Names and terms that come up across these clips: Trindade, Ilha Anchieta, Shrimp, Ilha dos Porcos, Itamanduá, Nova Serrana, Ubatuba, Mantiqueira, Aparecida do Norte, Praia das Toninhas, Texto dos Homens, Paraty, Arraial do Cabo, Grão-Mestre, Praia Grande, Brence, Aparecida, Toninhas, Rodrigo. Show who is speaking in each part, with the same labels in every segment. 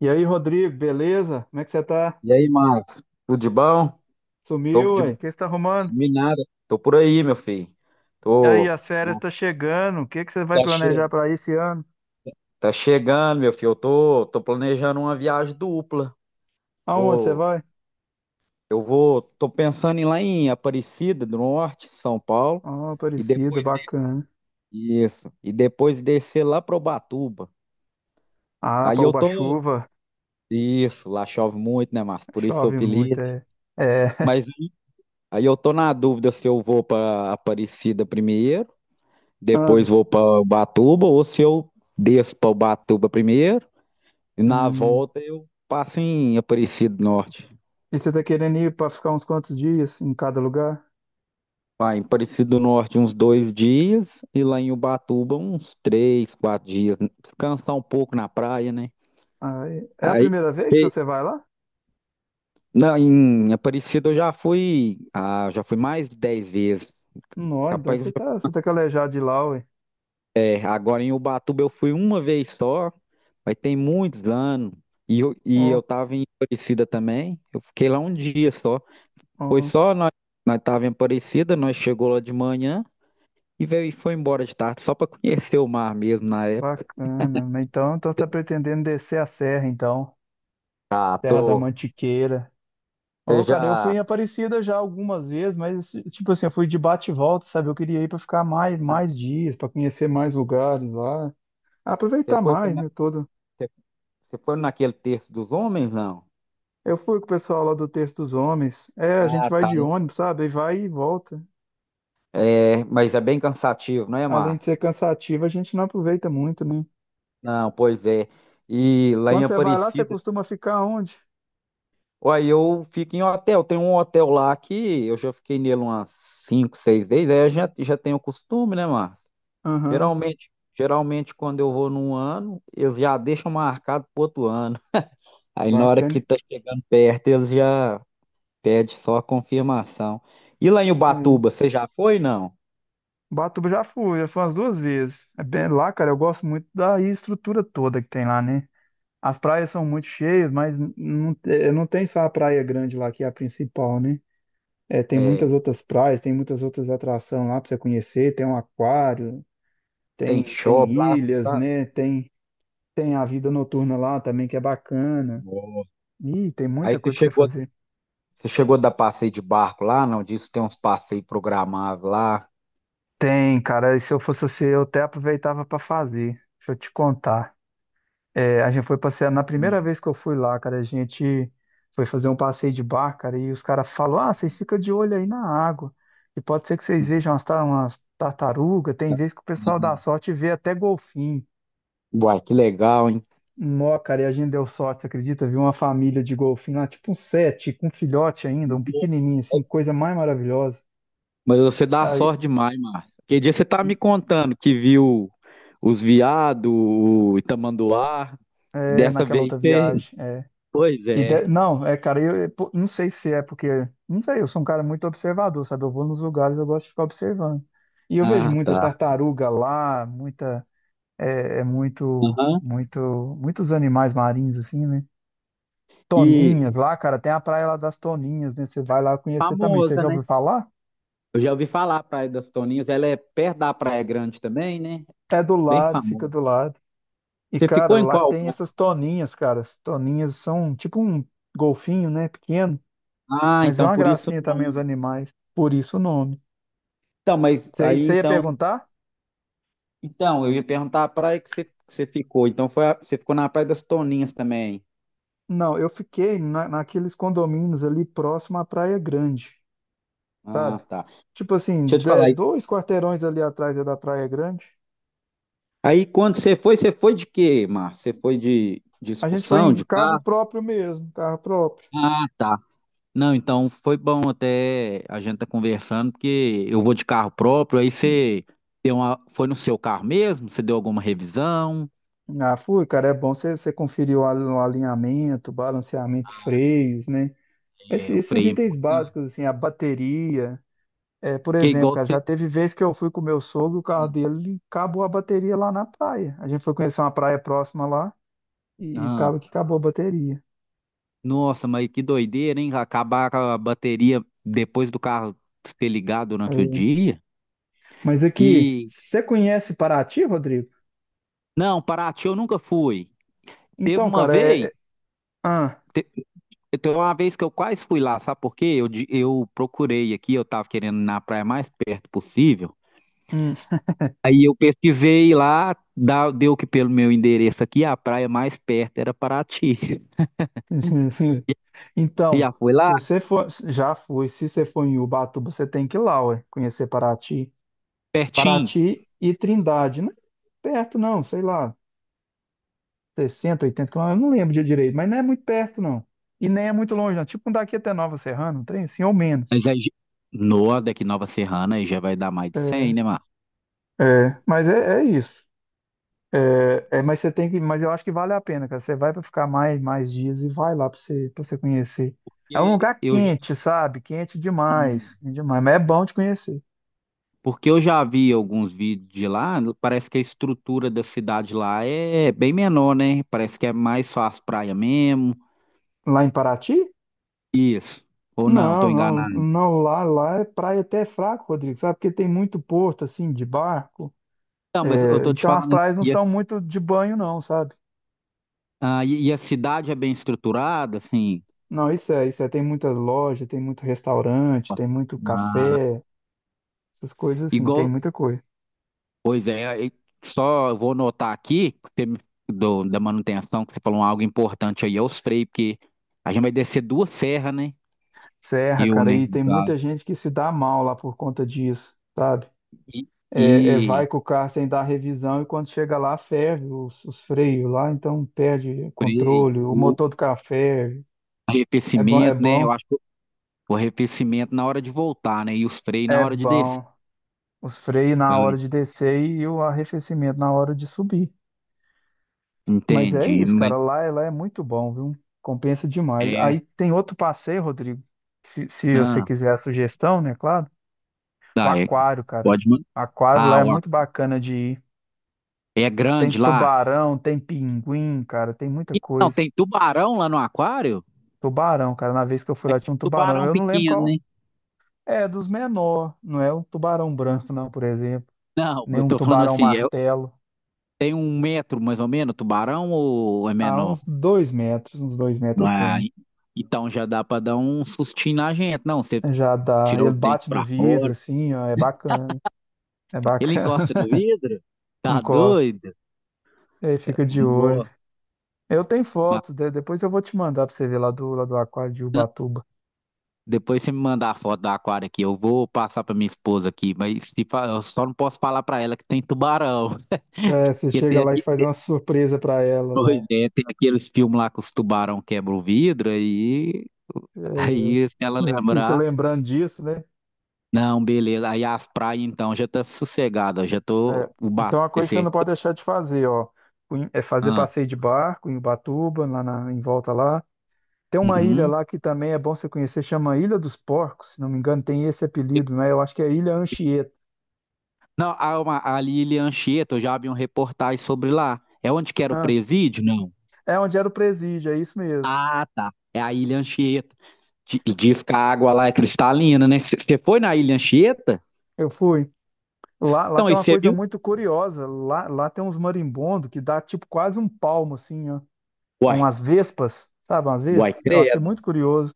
Speaker 1: E aí, Rodrigo, beleza? Como é que você tá?
Speaker 2: E aí, Marcos? Tudo de bom? Tô,
Speaker 1: Sumiu,
Speaker 2: de-
Speaker 1: ué? O que você tá arrumando?
Speaker 2: Sumi nada. Tô por aí, meu filho.
Speaker 1: E aí,
Speaker 2: Tô,
Speaker 1: as férias tá
Speaker 2: Marcos.
Speaker 1: chegando. O que que você vai
Speaker 2: Tá cheio.
Speaker 1: planejar para esse ano?
Speaker 2: Tá chegando, meu filho. Eu tô planejando uma viagem dupla.
Speaker 1: Aonde você
Speaker 2: Vou,
Speaker 1: vai?
Speaker 2: tô pensando em ir lá em Aparecida do Norte, São Paulo,
Speaker 1: Ah,
Speaker 2: e
Speaker 1: Aparecida,
Speaker 2: depois
Speaker 1: bacana.
Speaker 2: isso, e depois descer lá para Ubatuba.
Speaker 1: Ah,
Speaker 2: Aí
Speaker 1: para
Speaker 2: eu tô,
Speaker 1: Ubatuba,
Speaker 2: isso, lá chove muito, né, Márcio? Por isso o
Speaker 1: chove muito,
Speaker 2: apelido.
Speaker 1: é. É.
Speaker 2: Mas aí eu tô na dúvida se eu vou para Aparecida primeiro,
Speaker 1: Ah,
Speaker 2: depois vou para Ubatuba, ou se eu desço para Ubatuba primeiro, e na
Speaker 1: hum.
Speaker 2: volta eu passo em Aparecido do Norte.
Speaker 1: E você tá querendo ir para ficar uns quantos dias em cada lugar?
Speaker 2: Vai, em Aparecido do Norte uns 2 dias, e lá em Ubatuba uns 3, 4 dias. Descansar um pouco na praia, né?
Speaker 1: Ah, é a
Speaker 2: Aí,
Speaker 1: primeira vez que
Speaker 2: e-
Speaker 1: você vai lá?
Speaker 2: não, em Aparecida eu já fui mais de 10 vezes.
Speaker 1: Não, então
Speaker 2: Capaz que eu
Speaker 1: você
Speaker 2: já-
Speaker 1: tá, você tá calejado de lá, ué.
Speaker 2: é, agora em Ubatuba eu fui uma vez só, mas tem muitos anos. E eu
Speaker 1: Ó,
Speaker 2: tava em Aparecida também. Eu fiquei lá um dia só. Foi
Speaker 1: ó,
Speaker 2: só nós, nós tava em Aparecida, nós chegou lá de manhã e veio e foi embora de tarde, só para conhecer o mar mesmo na época.
Speaker 1: bacana. Então, você tá pretendendo descer a serra, então.
Speaker 2: Ah,
Speaker 1: Terra da
Speaker 2: tô.
Speaker 1: Mantiqueira.
Speaker 2: Você
Speaker 1: Ô, cara, eu fui
Speaker 2: já.
Speaker 1: em Aparecida já algumas vezes, mas tipo assim, eu fui de bate e volta, sabe? Eu queria ir para ficar mais dias, para conhecer mais lugares lá,
Speaker 2: Você
Speaker 1: aproveitar
Speaker 2: foi,
Speaker 1: mais,
Speaker 2: na-
Speaker 1: né, todo.
Speaker 2: você você foi naquele terço dos homens, não?
Speaker 1: Eu fui com o pessoal lá do Texto dos Homens. É, a gente
Speaker 2: Ah,
Speaker 1: vai
Speaker 2: tá.
Speaker 1: de ônibus, sabe? E vai e volta.
Speaker 2: É, mas é bem cansativo, não é,
Speaker 1: Além de
Speaker 2: Márcio?
Speaker 1: ser cansativo, a gente não aproveita muito, né?
Speaker 2: Não, pois é. E lá em
Speaker 1: Quando você vai lá, você
Speaker 2: Aparecida,
Speaker 1: costuma ficar onde?
Speaker 2: uai, eu fico em hotel. Tem um hotel lá que eu já fiquei nele umas 5, 6 vezes. Aí eu já tenho o costume, né, Márcio?
Speaker 1: Aham,
Speaker 2: Geralmente, geralmente, quando eu vou num ano, eles já deixam marcado pro outro ano. Aí na hora
Speaker 1: bacana.
Speaker 2: que tá chegando perto, eles já pedem só a confirmação. E lá em
Speaker 1: É.
Speaker 2: Ubatuba, você já foi, não?
Speaker 1: Batuba já fui umas duas vezes. É bem lá, cara, eu gosto muito da estrutura toda que tem lá, né? As praias são muito cheias, mas não, não tem só a praia grande lá, que é a principal, né? É, tem muitas
Speaker 2: É,
Speaker 1: outras praias, tem muitas outras atrações lá para você conhecer, tem um aquário,
Speaker 2: tem
Speaker 1: tem
Speaker 2: shopping lá, você
Speaker 1: ilhas,
Speaker 2: sabe?
Speaker 1: né? Tem a vida noturna lá também, que é bacana.
Speaker 2: Nossa.
Speaker 1: Ih, tem
Speaker 2: Aí
Speaker 1: muita
Speaker 2: você
Speaker 1: coisa para você
Speaker 2: chegou,
Speaker 1: fazer.
Speaker 2: você chegou a dar passeio de barco lá, não? Diz tem uns passeios programáveis lá.
Speaker 1: Tem, cara, e se eu fosse você, eu até aproveitava para fazer. Deixa eu te contar. É, a gente foi passear, na primeira
Speaker 2: Hum.
Speaker 1: vez que eu fui lá, cara, a gente foi fazer um passeio de barco, cara, e os caras falam, ah, vocês ficam de olho aí na água, e pode ser que vocês vejam umas, umas tartarugas, tem vez que o pessoal dá sorte e vê até golfinho.
Speaker 2: Uai, que legal, hein?
Speaker 1: Nó, cara, e a gente deu sorte, você acredita? Viu uma família de golfinho lá, tipo um sete, com um filhote ainda, um pequenininho, assim, coisa mais maravilhosa.
Speaker 2: Mas você dá
Speaker 1: Aí,
Speaker 2: sorte demais, Márcio. Que dia você tá me contando que viu os viados, o Itamanduá? E
Speaker 1: é,
Speaker 2: dessa
Speaker 1: naquela
Speaker 2: vez
Speaker 1: outra
Speaker 2: você.
Speaker 1: viagem. É.
Speaker 2: Pois é.
Speaker 1: Não, é, cara, pô, não sei se é porque. Não sei, eu sou um cara muito observador, sabe? Eu vou nos lugares, eu gosto de ficar observando. E eu vejo
Speaker 2: Ah,
Speaker 1: muita
Speaker 2: tá.
Speaker 1: tartaruga lá, muita. É muito.
Speaker 2: Aham.
Speaker 1: Muito. Muitos animais marinhos, assim, né? Toninhas
Speaker 2: E
Speaker 1: lá, cara, tem a praia lá das Toninhas, né? Você vai lá conhecer também. Você
Speaker 2: famosa,
Speaker 1: já
Speaker 2: né?
Speaker 1: ouviu falar?
Speaker 2: Eu já ouvi falar a Praia das Toninhas. Ela é perto da Praia Grande também, né?
Speaker 1: É do
Speaker 2: Bem
Speaker 1: lado, fica
Speaker 2: famosa.
Speaker 1: do lado. E,
Speaker 2: Você
Speaker 1: cara,
Speaker 2: ficou em
Speaker 1: lá
Speaker 2: qual
Speaker 1: tem
Speaker 2: praia?
Speaker 1: essas toninhas, cara. As toninhas são tipo um golfinho, né? Pequeno.
Speaker 2: Ah,
Speaker 1: Mas é
Speaker 2: então
Speaker 1: uma
Speaker 2: por isso
Speaker 1: gracinha
Speaker 2: o
Speaker 1: também os
Speaker 2: nome.
Speaker 1: animais. Por isso o nome.
Speaker 2: Então, mas
Speaker 1: Você
Speaker 2: aí
Speaker 1: você ia
Speaker 2: então.
Speaker 1: perguntar?
Speaker 2: Então, eu ia perguntar a praia que você ficou. Você ficou na Praia das Toninhas também?
Speaker 1: Não, eu fiquei naqueles condomínios ali próximo à Praia Grande,
Speaker 2: Ah,
Speaker 1: sabe?
Speaker 2: tá.
Speaker 1: Tipo assim,
Speaker 2: Deixa eu te falar.
Speaker 1: dois quarteirões ali atrás é da Praia Grande.
Speaker 2: Aí quando você foi de quê, Márcio? Você foi de
Speaker 1: A gente foi
Speaker 2: excursão,
Speaker 1: em
Speaker 2: de
Speaker 1: carro
Speaker 2: carro?
Speaker 1: próprio mesmo, carro próprio.
Speaker 2: Ah, tá. Não, então foi bom até a gente tá conversando, porque eu vou de carro próprio, aí você deu uma, foi no seu carro mesmo? Você deu alguma revisão?
Speaker 1: Ah, fui, cara, é bom você conferir o o alinhamento, balanceamento, freios, né? Esses,
Speaker 2: É, o
Speaker 1: esses
Speaker 2: freio é
Speaker 1: itens
Speaker 2: importante.
Speaker 1: básicos, assim, a bateria. É, por
Speaker 2: Porque
Speaker 1: exemplo,
Speaker 2: igual
Speaker 1: cara,
Speaker 2: você.
Speaker 1: já teve vez que eu fui com o meu sogro, o carro dele acabou a bateria lá na praia. A gente foi conhecer uma praia próxima lá. E
Speaker 2: Ah,
Speaker 1: acaba que acabou a bateria.
Speaker 2: nossa, mas que doideira, hein? Acabar com a bateria depois do carro ser ligado durante o
Speaker 1: É.
Speaker 2: dia.
Speaker 1: Mas aqui,
Speaker 2: E.
Speaker 1: você conhece Paraty, Rodrigo?
Speaker 2: Não, Paraty eu nunca fui. Teve
Speaker 1: Então,
Speaker 2: uma
Speaker 1: cara, é.
Speaker 2: vez.
Speaker 1: é- Ah,
Speaker 2: Então, uma vez que eu quase fui lá, sabe por quê? Eu procurei aqui, eu tava querendo ir na praia mais perto possível.
Speaker 1: hum.
Speaker 2: Aí eu pesquisei lá, deu que pelo meu endereço aqui, a praia mais perto era Paraty. Você
Speaker 1: Então,
Speaker 2: já foi lá?
Speaker 1: se você for. Já foi, se você for em Ubatuba, você tem que ir lá, ué, conhecer Paraty.
Speaker 2: Pertinho?
Speaker 1: Paraty e Trindade. Não é perto, não, sei lá, 60, 80 quilômetros, eu não lembro de direito, mas não é muito perto, não. E nem é muito longe, não. Tipo, um daqui até Nova Serrana, um trem assim, ou menos.
Speaker 2: Mas aí, no, daqui Nova Serrana, aí já vai dar mais de 100,
Speaker 1: É,
Speaker 2: né, Mar?
Speaker 1: mas é isso. Mas você tem que, mas eu acho que vale a pena, cara. Você vai para ficar mais dias e vai lá para você conhecer. É um
Speaker 2: Porque
Speaker 1: lugar
Speaker 2: eu, já-
Speaker 1: quente, sabe?
Speaker 2: hum,
Speaker 1: Quente demais, mas é bom de conhecer.
Speaker 2: porque eu já vi alguns vídeos de lá, parece que a estrutura da cidade lá é bem menor, né? Parece que é mais só as praias mesmo.
Speaker 1: Lá em Paraty?
Speaker 2: Isso. Ou não, tô
Speaker 1: Não, não,
Speaker 2: enganado.
Speaker 1: não, lá é praia até fraco, Rodrigo, sabe? Porque tem muito porto assim de barco.
Speaker 2: Não, mas eu
Speaker 1: É,
Speaker 2: tô te
Speaker 1: então as
Speaker 2: falando,
Speaker 1: praias não
Speaker 2: e a,
Speaker 1: são muito de banho não, sabe?
Speaker 2: ah, e e a cidade é bem estruturada, assim.
Speaker 1: Não, isso é, tem muitas lojas, tem muito restaurante, tem muito
Speaker 2: Ah,
Speaker 1: café, essas coisas assim, tem
Speaker 2: igual,
Speaker 1: muita coisa.
Speaker 2: pois é, e só eu vou notar aqui, que você da manutenção, que você falou algo importante aí, é os freios, porque a gente vai descer duas serras, né?
Speaker 1: Serra,
Speaker 2: Rio,
Speaker 1: cara,
Speaker 2: né,
Speaker 1: e
Speaker 2: no
Speaker 1: tem
Speaker 2: caso,
Speaker 1: muita gente que se dá mal lá por conta disso, sabe?
Speaker 2: e,
Speaker 1: Vai
Speaker 2: e
Speaker 1: com o carro sem dar revisão e quando chega lá ferve os freios lá, então perde
Speaker 2: freio,
Speaker 1: controle, o
Speaker 2: o
Speaker 1: motor do carro ferve. É bom, é
Speaker 2: arrefecimento, né, eu
Speaker 1: bom,
Speaker 2: acho que o arrefecimento na hora de voltar, né, e os freios na
Speaker 1: é
Speaker 2: hora de descer.
Speaker 1: bom. Os freios na
Speaker 2: Oi,
Speaker 1: hora de descer e o arrefecimento na hora de subir. Mas é
Speaker 2: entendi,
Speaker 1: isso,
Speaker 2: mas
Speaker 1: cara, lá é muito bom, viu? Compensa demais. Aí
Speaker 2: é,
Speaker 1: tem outro passeio, Rodrigo, se você
Speaker 2: ah,
Speaker 1: quiser a sugestão, né, claro. O
Speaker 2: tá, é,
Speaker 1: aquário, cara.
Speaker 2: pode mandar.
Speaker 1: O aquário lá
Speaker 2: Ah,
Speaker 1: é
Speaker 2: ó,
Speaker 1: muito bacana de ir.
Speaker 2: é
Speaker 1: Tem
Speaker 2: grande lá.
Speaker 1: tubarão, tem pinguim, cara, tem muita
Speaker 2: Não
Speaker 1: coisa.
Speaker 2: tem tubarão lá no aquário?
Speaker 1: Tubarão, cara, na vez que eu fui lá tinha um tubarão.
Speaker 2: Tubarão
Speaker 1: Eu não lembro
Speaker 2: pequeno, né?
Speaker 1: qual é dos menor, não é um tubarão branco, não, por exemplo,
Speaker 2: Não,
Speaker 1: nem
Speaker 2: eu
Speaker 1: um
Speaker 2: tô falando
Speaker 1: tubarão
Speaker 2: assim,
Speaker 1: martelo.
Speaker 2: tem 1 metro mais ou menos, tubarão ou é
Speaker 1: Há uns
Speaker 2: menor?
Speaker 1: 2 metros, uns 2 metros
Speaker 2: Não
Speaker 1: ele
Speaker 2: é?
Speaker 1: tem.
Speaker 2: Então já dá pra dar um sustinho na gente. Não, você
Speaker 1: Já dá, ele
Speaker 2: tirou os dentes
Speaker 1: bate no
Speaker 2: pra
Speaker 1: vidro,
Speaker 2: fora,
Speaker 1: assim, ó, é bacana, é
Speaker 2: ele
Speaker 1: bacana.
Speaker 2: encosta no vidro? Tá
Speaker 1: Encosta,
Speaker 2: doido?
Speaker 1: aí fica de olho.
Speaker 2: Nó.
Speaker 1: Eu tenho
Speaker 2: Mas
Speaker 1: fotos, depois eu vou te mandar pra você ver lá do aquário de Ubatuba.
Speaker 2: Depois você me mandar a foto do aquário aqui, eu vou passar pra minha esposa aqui, mas se fa- eu só não posso falar pra ela que tem tubarão.
Speaker 1: É, você
Speaker 2: Porque tem
Speaker 1: chega lá e
Speaker 2: aqui,
Speaker 1: faz uma surpresa pra ela
Speaker 2: pois
Speaker 1: lá.
Speaker 2: é, tem aqueles filmes lá que os tubarão quebram o vidro aí.
Speaker 1: É,
Speaker 2: Aí, se ela
Speaker 1: fica
Speaker 2: lembrar,
Speaker 1: lembrando disso, né?
Speaker 2: não, beleza. Aí as praias, então, já tá sossegada, ó, já tô,
Speaker 1: É,
Speaker 2: o bate
Speaker 1: então, a
Speaker 2: vai
Speaker 1: coisa que você
Speaker 2: ser.
Speaker 1: não pode deixar de fazer, ó, é fazer
Speaker 2: Ah.
Speaker 1: passeio de barco em Ubatuba, lá em volta lá. Tem uma ilha
Speaker 2: Uhum.
Speaker 1: lá que também é bom você conhecer, chama Ilha dos Porcos, se não me engano, tem esse apelido, né? Eu acho que é Ilha Anchieta.
Speaker 2: Não, ali em Anchieta, eu já vi um reportagem sobre lá. É onde que era o
Speaker 1: Ah,
Speaker 2: presídio? Não.
Speaker 1: é onde era o presídio, é isso mesmo.
Speaker 2: Ah, tá. É a Ilha Anchieta. Diz que a água lá é cristalina, né? Você foi na Ilha Anchieta?
Speaker 1: Eu fui. Lá
Speaker 2: Então,
Speaker 1: tem
Speaker 2: aí
Speaker 1: uma
Speaker 2: você
Speaker 1: coisa
Speaker 2: viu?
Speaker 1: muito curiosa, lá tem uns marimbondos que dá tipo quase um palmo, assim, ó, a
Speaker 2: Uai,
Speaker 1: umas vespas, sabe, umas
Speaker 2: uai,
Speaker 1: vespas? Eu achei
Speaker 2: credo.
Speaker 1: muito curioso,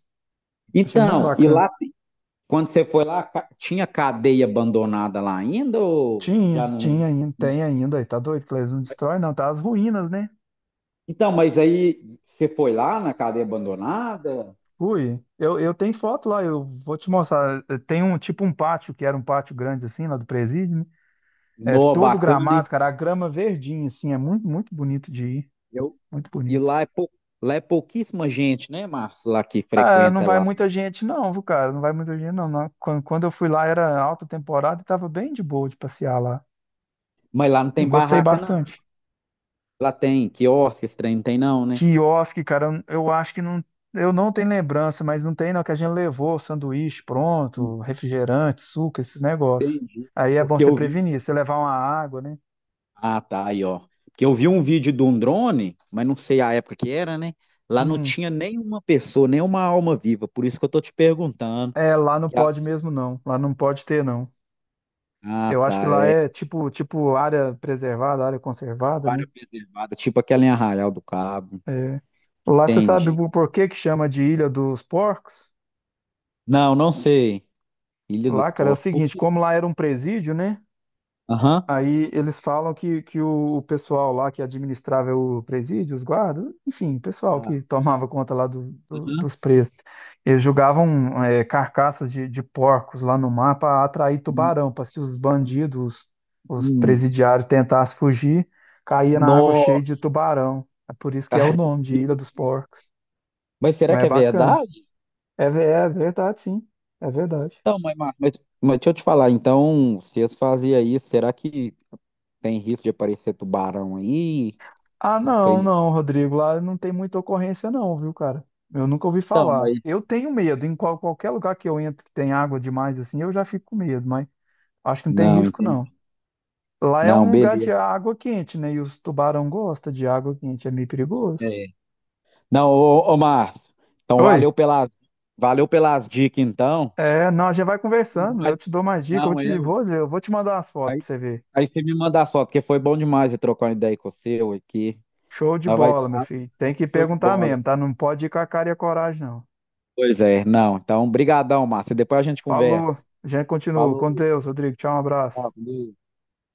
Speaker 1: achei muito
Speaker 2: Então, e
Speaker 1: bacana.
Speaker 2: lá, quando você foi lá, tinha cadeia abandonada lá ainda ou
Speaker 1: Tinha,
Speaker 2: já não?
Speaker 1: tinha ainda, tem ainda, e tá doido, que eles não destrói, não, tá as ruínas, né?
Speaker 2: Então, mas aí você foi lá na cadeia abandonada?
Speaker 1: Ui, eu tenho foto lá, eu vou te mostrar. Tem um tipo um pátio, que era um pátio grande assim, lá do presídio, né? É
Speaker 2: No,
Speaker 1: todo
Speaker 2: bacana, hein?
Speaker 1: gramado, cara, a grama verdinha, assim, é muito, muito bonito de ir,
Speaker 2: Eu,
Speaker 1: muito
Speaker 2: e
Speaker 1: bonito.
Speaker 2: lá é, pou, Lá é pouquíssima gente, né, Márcio, lá que
Speaker 1: Ah, não
Speaker 2: frequenta
Speaker 1: vai
Speaker 2: lá.
Speaker 1: muita gente não, viu, cara? Não vai muita gente não, não. Quando eu fui lá era alta temporada e tava bem de boa de passear lá.
Speaker 2: Mas lá não
Speaker 1: Eu
Speaker 2: tem
Speaker 1: gostei
Speaker 2: barraca, não, né?
Speaker 1: bastante.
Speaker 2: Lá tem quiosque, esse trem não tem, não, né?
Speaker 1: Quiosque, cara, eu acho que não. Eu não tenho lembrança, mas não tem não, que a gente levou sanduíche pronto, refrigerante, suco, esses negócios.
Speaker 2: Entendi.
Speaker 1: Aí é bom
Speaker 2: Porque
Speaker 1: você
Speaker 2: eu vi.
Speaker 1: prevenir, você levar uma água, né?
Speaker 2: Ah, tá, aí, ó. Porque eu vi um vídeo de um drone, mas não sei a época que era, né? Lá não
Speaker 1: Hum,
Speaker 2: tinha nenhuma pessoa, nenhuma alma viva. Por isso que eu tô te perguntando.
Speaker 1: É, lá não
Speaker 2: Que a-
Speaker 1: pode mesmo não, lá não pode ter não.
Speaker 2: Ah,
Speaker 1: Eu acho que
Speaker 2: tá,
Speaker 1: lá
Speaker 2: é.
Speaker 1: é tipo área preservada, área conservada, né?
Speaker 2: Área preservada, tipo aquela em Arraial do Cabo.
Speaker 1: É. Lá você sabe
Speaker 2: Entendi.
Speaker 1: por que que chama de Ilha dos Porcos?
Speaker 2: Não, não sei. Ilha dos
Speaker 1: Lá, cara, é o
Speaker 2: Porcos. Por
Speaker 1: seguinte,
Speaker 2: quê?
Speaker 1: como lá era um presídio, né?
Speaker 2: Aham.
Speaker 1: Aí eles falam que o pessoal lá que administrava o presídio, os guardas, enfim, o pessoal
Speaker 2: Ah,
Speaker 1: que tomava conta lá do- do-
Speaker 2: aham.
Speaker 1: dos presos, eles jogavam é, carcaças de porcos lá no mar para atrair
Speaker 2: Hum,
Speaker 1: tubarão, para se os bandidos, os
Speaker 2: hum.
Speaker 1: presidiários tentassem fugir, caía na água
Speaker 2: Nó.
Speaker 1: cheia de tubarão. É por isso que é o nome de Ilha dos Porcos.
Speaker 2: Mas será
Speaker 1: Mas
Speaker 2: que
Speaker 1: é
Speaker 2: é
Speaker 1: bacana.
Speaker 2: verdade?
Speaker 1: É, é verdade, sim. É verdade.
Speaker 2: Então, mas deixa eu te falar, então, se eles faziam isso, será que tem risco de aparecer tubarão aí?
Speaker 1: Ah,
Speaker 2: Não
Speaker 1: não,
Speaker 2: sei.
Speaker 1: não, Rodrigo. Lá não tem muita ocorrência, não, viu, cara? Eu nunca ouvi
Speaker 2: Então,
Speaker 1: falar.
Speaker 2: mas.
Speaker 1: Eu tenho medo. Em qualquer lugar que eu entro que tem água demais, assim, eu já fico com medo, mas acho que não tem
Speaker 2: Não,
Speaker 1: risco, não.
Speaker 2: entendi.
Speaker 1: Lá é
Speaker 2: Não,
Speaker 1: um lugar de
Speaker 2: beleza.
Speaker 1: água quente, né? E os tubarão gostam de água quente, é meio perigoso.
Speaker 2: É. Não, ô Márcio, então valeu
Speaker 1: Oi?
Speaker 2: pelas, valeu pelas dicas, então.
Speaker 1: É, não, a gente vai conversando. Eu
Speaker 2: Mas-
Speaker 1: te dou mais dicas,
Speaker 2: Não, eu.
Speaker 1: eu vou te mandar as fotos pra você ver.
Speaker 2: Aí você me manda a foto, porque foi bom demais eu trocar uma ideia com você ué, aqui.
Speaker 1: Show de
Speaker 2: Nós vai,
Speaker 1: bola, meu filho. Tem que
Speaker 2: show de
Speaker 1: perguntar
Speaker 2: bola.
Speaker 1: mesmo, tá? Não pode ir com a cara e a coragem, não.
Speaker 2: Pois é, não. Então, brigadão, Márcio. Depois a gente conversa.
Speaker 1: Falou. A gente continua.
Speaker 2: Falou.
Speaker 1: Com Deus, Rodrigo. Tchau, um abraço.
Speaker 2: Tchau, com